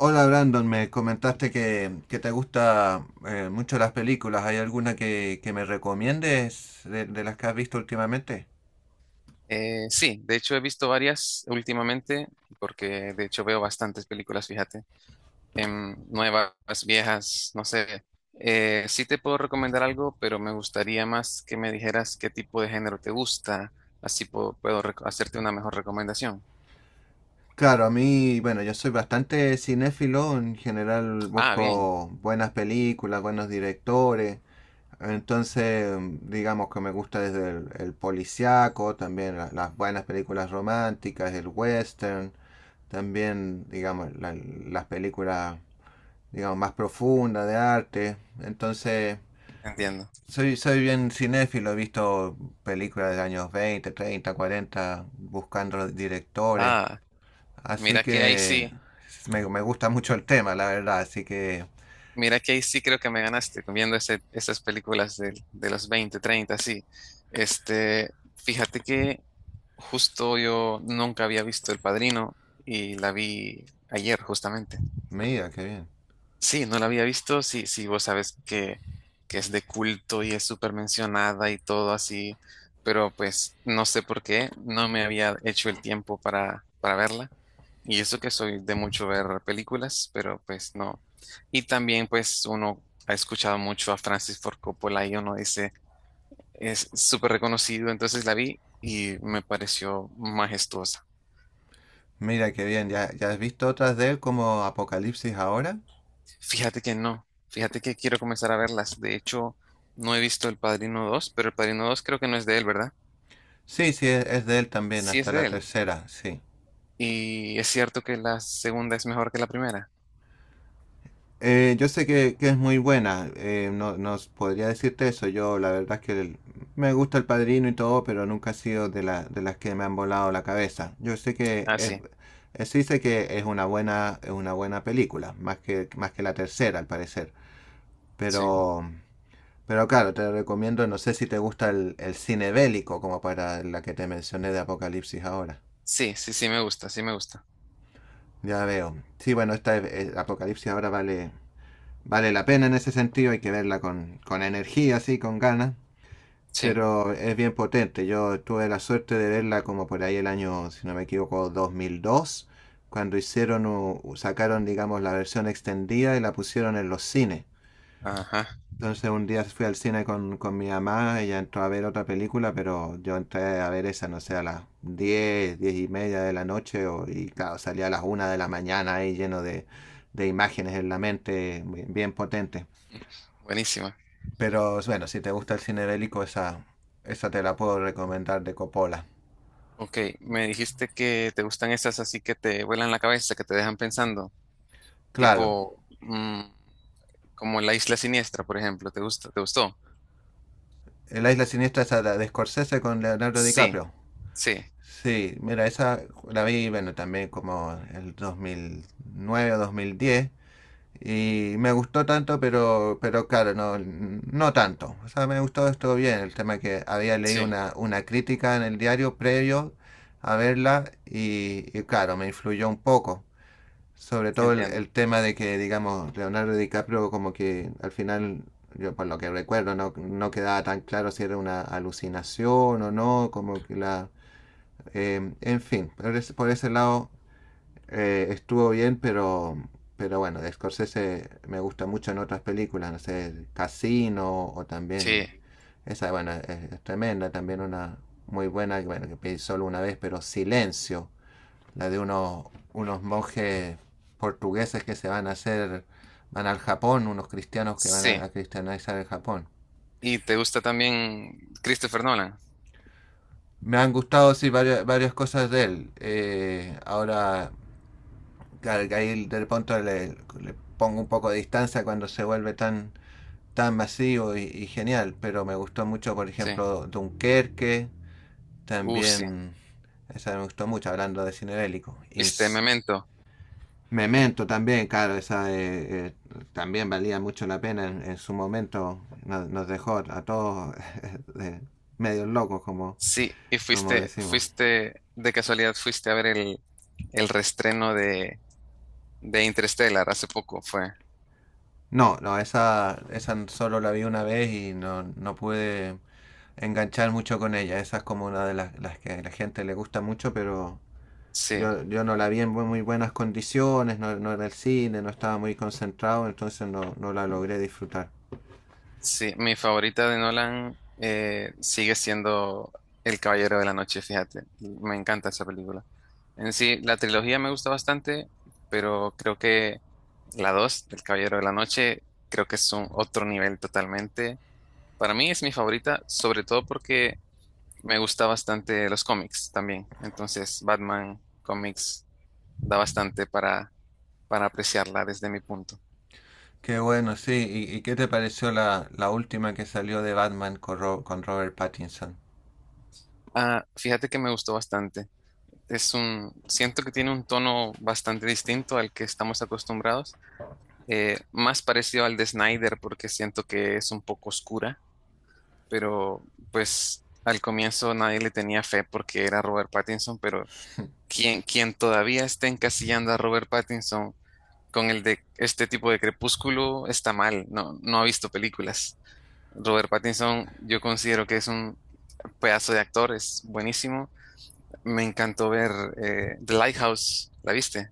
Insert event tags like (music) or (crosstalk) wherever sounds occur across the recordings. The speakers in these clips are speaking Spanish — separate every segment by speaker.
Speaker 1: Hola Brandon, me comentaste que te gusta mucho las películas. ¿Hay alguna que me recomiendes de las que has visto últimamente?
Speaker 2: Sí, de hecho he visto varias últimamente, porque de hecho veo bastantes películas, fíjate, nuevas, viejas, no sé. Sí te puedo recomendar algo, pero me gustaría más que me dijeras qué tipo de género te gusta, así hacerte una mejor recomendación.
Speaker 1: Claro, a mí, bueno, yo soy bastante cinéfilo, en general
Speaker 2: Ah, bien,
Speaker 1: busco buenas películas, buenos directores, entonces digamos que me gusta desde el policíaco, también las buenas películas románticas, el western, también digamos las películas digamos más profundas de arte, entonces...
Speaker 2: entiendo.
Speaker 1: Soy bien cinéfilo, he visto películas de años 20 30 40 buscando los directores.
Speaker 2: Ah,
Speaker 1: Así
Speaker 2: mira que ahí
Speaker 1: que
Speaker 2: sí,
Speaker 1: me gusta mucho el tema, la verdad. Así que,
Speaker 2: mira que ahí sí creo que me ganaste viendo esas películas de los 20, 30, sí. Este, fíjate que justo yo nunca había visto El Padrino y la vi ayer justamente.
Speaker 1: mira, qué bien.
Speaker 2: Sí, no la había visto, sí, sí, vos sabes que es de culto y es súper mencionada y todo así, pero pues no sé por qué, no me había hecho el tiempo para verla. Y eso que soy de mucho ver películas, pero pues no. Y también pues uno ha escuchado mucho a Francis Ford Coppola y uno dice, es súper reconocido, entonces la vi y me pareció majestuosa.
Speaker 1: Mira, qué bien. ¿Ya has visto otras de él como Apocalipsis ahora?
Speaker 2: Fíjate que no, fíjate que quiero comenzar a verlas. De hecho, no he visto El Padrino dos, pero El Padrino dos creo que no es de él, ¿verdad?
Speaker 1: Sí, sí, es de él también,
Speaker 2: Sí es
Speaker 1: hasta la
Speaker 2: de él.
Speaker 1: tercera, sí.
Speaker 2: Y es cierto que la segunda es mejor que la primera.
Speaker 1: Yo sé que es muy buena, no, no podría decirte eso, yo la verdad es que me gusta El Padrino y todo, pero nunca ha sido de, de las que me han volado la cabeza. Yo sé que
Speaker 2: Ah,
Speaker 1: es,
Speaker 2: sí,
Speaker 1: sí sé que es una buena película, más que la tercera al parecer,
Speaker 2: sí.
Speaker 1: pero, pero claro, te recomiendo, no sé si te gusta el cine bélico como para la que te mencioné de Apocalipsis ahora.
Speaker 2: Sí, sí, sí me gusta, sí me gusta.
Speaker 1: Ya veo. Sí, bueno, Apocalipsis ahora vale, vale la pena en ese sentido, hay que verla con energía, así, con ganas,
Speaker 2: Sí,
Speaker 1: pero es bien potente. Yo tuve la suerte de verla como por ahí el año, si no me equivoco, 2002 cuando hicieron, sacaron, digamos, la versión extendida y la pusieron en los cines.
Speaker 2: ajá,
Speaker 1: Entonces un día fui al cine con mi mamá, ella entró a ver otra película, pero yo entré a ver esa, no sé, a las 10 10 y media de la noche, y claro, salía a las una de la mañana ahí lleno de imágenes en la mente bien, bien potentes.
Speaker 2: buenísima.
Speaker 1: Pero bueno, si te gusta el cine bélico, esa te la puedo recomendar de Coppola.
Speaker 2: Ok, me dijiste que te gustan esas así que te vuelan la cabeza, que te dejan pensando,
Speaker 1: Claro,
Speaker 2: tipo mm, como La Isla Siniestra, por ejemplo. ¿Te gusta? ¿Te gustó?
Speaker 1: La Isla Siniestra esa de Scorsese con Leonardo
Speaker 2: Sí,
Speaker 1: DiCaprio.
Speaker 2: sí,
Speaker 1: Sí, mira, esa la vi, bueno, también como el 2009 o 2010. Y me gustó tanto, pero claro, no, no tanto. O sea, me gustó, estuvo bien. El tema que había leído
Speaker 2: sí,
Speaker 1: una crítica en el diario previo a verla y claro, me influyó un poco. Sobre todo el,
Speaker 2: entiendo.
Speaker 1: el tema de que, digamos, Leonardo DiCaprio como que al final, yo por lo que recuerdo, no, no quedaba tan claro si era una alucinación o no, como que la... en fin, por ese lado estuvo bien, pero bueno, de Scorsese me gusta mucho en otras películas, no sé, Casino o también...
Speaker 2: Sí,
Speaker 1: Esa, bueno, es tremenda, también una muy buena, bueno, que pedí solo una vez, pero Silencio la de unos, unos monjes portugueses que se van a hacer, van al Japón, unos cristianos que van
Speaker 2: sí.
Speaker 1: a cristianizar el Japón.
Speaker 2: ¿Y te gusta también Christopher Nolan?
Speaker 1: Me han gustado, sí, varias, varias cosas de él. Ahora, ahí del punto pongo un poco de distancia cuando se vuelve tan, tan masivo y genial, pero me gustó mucho, por
Speaker 2: Sí.
Speaker 1: ejemplo, Dunkerque,
Speaker 2: Sí.
Speaker 1: también esa me gustó mucho, hablando de cine bélico.
Speaker 2: ¿Viste
Speaker 1: Ins
Speaker 2: Memento?
Speaker 1: Memento también, claro, esa también valía mucho la pena en su momento. Dejó a todos (laughs) eh, medios locos, como,
Speaker 2: Sí. ¿Y
Speaker 1: como decimos.
Speaker 2: de casualidad, fuiste a ver el reestreno de Interstellar hace poco? Fue.
Speaker 1: No, no, esa solo la vi una vez y no, no pude enganchar mucho con ella. Esa es como una de las que a la gente le gusta mucho, pero
Speaker 2: Sí.
Speaker 1: yo no la vi en muy, muy buenas condiciones, no, no, era el cine, no estaba muy concentrado, entonces no, no la logré disfrutar.
Speaker 2: Sí. Mi favorita de Nolan sigue siendo El Caballero de la Noche, fíjate. Me encanta esa película. En sí, la trilogía me gusta bastante, pero creo que la 2, El Caballero de la Noche, creo que es un otro nivel totalmente. Para mí es mi favorita, sobre todo porque me gusta bastante los cómics también. Entonces, Batman cómics da bastante para apreciarla desde mi punto.
Speaker 1: Qué bueno, sí. Y qué te pareció la, la última que salió de Batman con, con Robert Pattinson?
Speaker 2: Ah, fíjate que me gustó bastante. Es un, siento que tiene un tono bastante distinto al que estamos acostumbrados, más parecido al de Snyder porque siento que es un poco oscura, pero pues al comienzo nadie le tenía fe porque era Robert Pattinson, pero quien todavía esté encasillando a Robert Pattinson con el de este tipo de crepúsculo está mal, no, no ha visto películas. Robert Pattinson, yo considero que es un pedazo de actor, es buenísimo. Me encantó ver The Lighthouse, ¿la viste?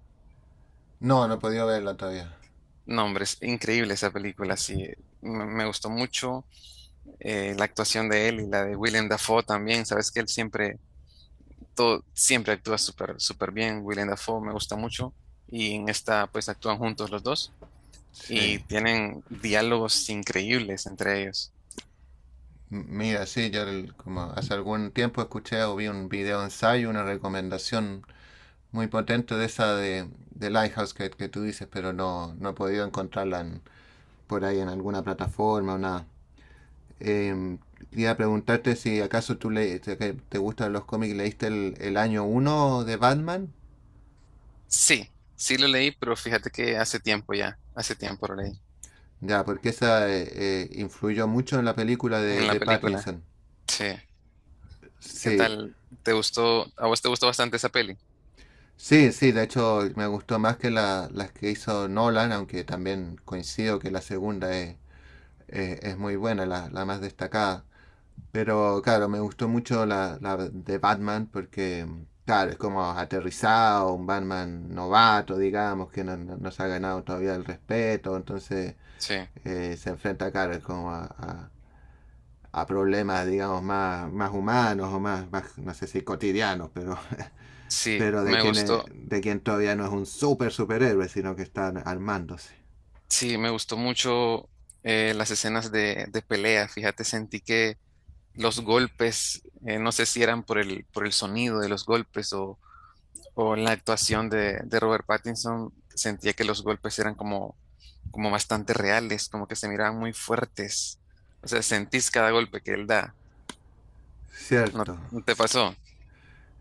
Speaker 1: No, no he podido verla todavía.
Speaker 2: No, hombre, es increíble esa película, sí. Me gustó mucho la actuación de él y la de William Dafoe también. Sabes que él siempre, todo, siempre actúa súper, súper bien. William Dafoe me gusta mucho. Y en esta, pues actúan juntos los dos y
Speaker 1: Sí.
Speaker 2: tienen diálogos increíbles entre ellos.
Speaker 1: Mira, sí, yo como hace algún tiempo escuché o vi un video ensayo, una recomendación muy potente de esa de Lighthouse que tú dices, pero no, no he podido encontrarla por ahí en alguna plataforma o nada. Em, Quería preguntarte si acaso tú que te gustan los cómics, ¿leíste el año uno de Batman?
Speaker 2: Sí, sí lo leí, pero fíjate que hace tiempo ya, hace tiempo lo leí
Speaker 1: Ya, porque esa influyó mucho en la película
Speaker 2: en la
Speaker 1: de
Speaker 2: película.
Speaker 1: Pattinson.
Speaker 2: Sí, ¿qué
Speaker 1: Sí,
Speaker 2: tal? ¿Te gustó? ¿A vos te gustó bastante esa peli?
Speaker 1: sí, sí, de hecho me gustó más que las que hizo Nolan, aunque también coincido que la segunda es, es muy buena, la más destacada. Pero claro, me gustó mucho la, la de Batman porque, claro, es como aterrizado, un Batman novato, digamos, que no, no se ha ganado todavía el respeto, entonces
Speaker 2: Sí,
Speaker 1: se enfrenta, claro, es como a problemas, digamos, más, más humanos o más, más, no sé si cotidianos, pero, (laughs)
Speaker 2: sí,
Speaker 1: pero de,
Speaker 2: me
Speaker 1: quien es,
Speaker 2: gustó,
Speaker 1: de quien todavía no es un super superhéroe, sino que están armándose.
Speaker 2: sí, me gustó mucho las escenas de pelea. Fíjate, sentí que los golpes, no sé si eran por por el sonido de los golpes o la actuación de Robert Pattinson, sentía que los golpes eran como, como bastante reales, como que se miraban muy fuertes. O sea, sentís cada golpe que él da. ¿No
Speaker 1: Cierto.
Speaker 2: no te pasó?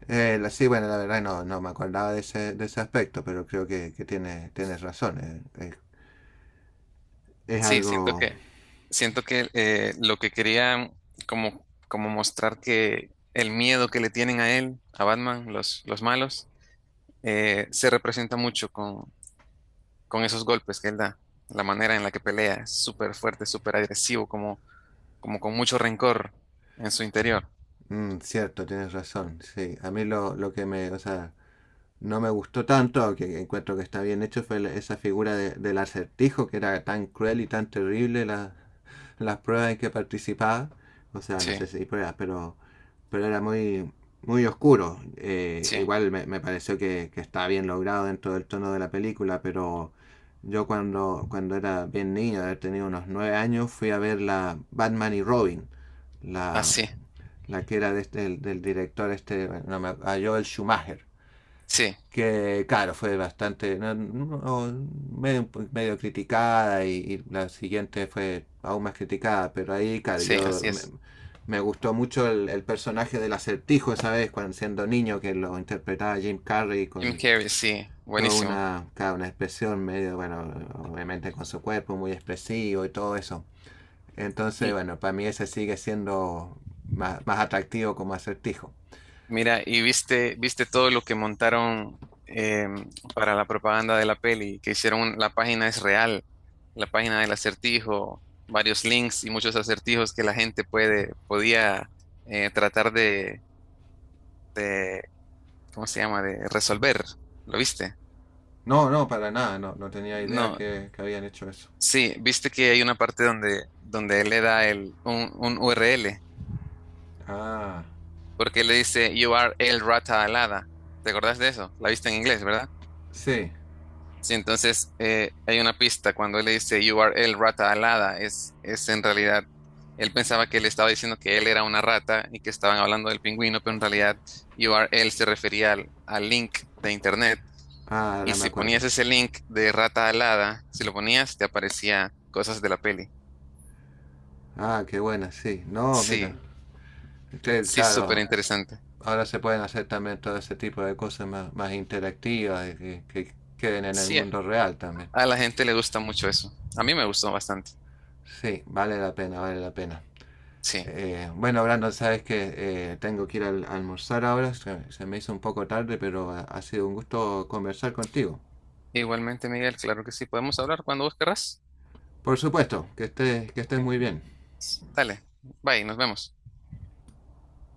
Speaker 1: Sí, bueno, la verdad no, no me acordaba de ese aspecto, pero creo que tiene, tienes razón. Es
Speaker 2: Sí, siento
Speaker 1: algo...
Speaker 2: siento que lo que quería como mostrar que el miedo que le tienen a él, a Batman, los malos, se representa mucho con esos golpes que él da, la manera en la que pelea, es súper fuerte, súper agresivo, como, como con mucho rencor en su interior.
Speaker 1: Mm, cierto, tienes razón. Sí, a mí lo que me... O sea, no me gustó tanto, aunque encuentro que está bien hecho, fue esa figura del acertijo, que era tan cruel y tan terrible las pruebas en que participaba. O sea, no
Speaker 2: Sí,
Speaker 1: sé si hay pruebas, pero era muy, muy oscuro.
Speaker 2: sí,
Speaker 1: Igual me, me pareció que estaba bien logrado dentro del tono de la película, pero yo cuando, cuando era bien niño, de haber tenido unos nueve años, fui a ver la Batman y Robin, la,
Speaker 2: así,
Speaker 1: la que era de del, del director este, no me- a Joel Schumacher
Speaker 2: sí,
Speaker 1: que claro, fue bastante no, no, medio, medio criticada y la siguiente fue aún más criticada, pero ahí, claro,
Speaker 2: sí, sí,
Speaker 1: yo
Speaker 2: así
Speaker 1: me,
Speaker 2: es.
Speaker 1: me gustó mucho el personaje del acertijo esa vez, cuando siendo niño, que lo interpretaba Jim Carrey
Speaker 2: Jim
Speaker 1: con
Speaker 2: Carrey, sí,
Speaker 1: toda
Speaker 2: buenísimo.
Speaker 1: una, claro, una expresión medio, bueno, obviamente con su cuerpo muy expresivo y todo eso. Entonces, bueno, para mí ese sigue siendo más, más atractivo como acertijo.
Speaker 2: Mira, y viste, viste todo lo que montaron em, para la propaganda de la peli, que hicieron la página es real, la página del acertijo, varios links y muchos acertijos que la gente puede, podía eh, tratar de, de, ¿cómo se llama? De resolver. ¿Lo viste?
Speaker 1: No, no, para nada, no, no tenía idea
Speaker 2: No,
Speaker 1: que habían hecho eso.
Speaker 2: sí, viste que hay una parte donde, donde él le da un URL,
Speaker 1: Ah,
Speaker 2: porque le dice You are el rata alada. ¿Te acordás de eso? La viste en inglés, ¿verdad?
Speaker 1: sí.
Speaker 2: Sí, entonces hay una pista cuando él le dice You are el rata alada, es en realidad, él pensaba que le estaba diciendo que él era una rata y que estaban hablando del pingüino, pero en realidad You are él se refería al link de internet.
Speaker 1: Ah,
Speaker 2: Y
Speaker 1: ahora me
Speaker 2: si
Speaker 1: acuerdo,
Speaker 2: ponías
Speaker 1: sí.
Speaker 2: ese link de rata alada, si lo ponías, te aparecía cosas de la peli.
Speaker 1: Ah, qué buena, sí. No, mira.
Speaker 2: Sí,
Speaker 1: Que,
Speaker 2: sí, súper
Speaker 1: claro,
Speaker 2: interesante.
Speaker 1: ahora se pueden hacer también todo ese tipo de cosas más, más interactivas y que queden en el
Speaker 2: Sí,
Speaker 1: mundo real también.
Speaker 2: a la gente le gusta mucho eso. A mí me gustó bastante.
Speaker 1: Sí, vale la pena, vale la pena.
Speaker 2: Sí,
Speaker 1: Bueno, Brandon, sabes que tengo que ir a almorzar ahora. Se me hizo un poco tarde, pero ha, ha sido un gusto conversar contigo.
Speaker 2: igualmente, Miguel, claro que sí. Podemos hablar cuando vos querrás.
Speaker 1: Por supuesto, que estés
Speaker 2: Ok,
Speaker 1: muy bien.
Speaker 2: dale, bye, nos vemos.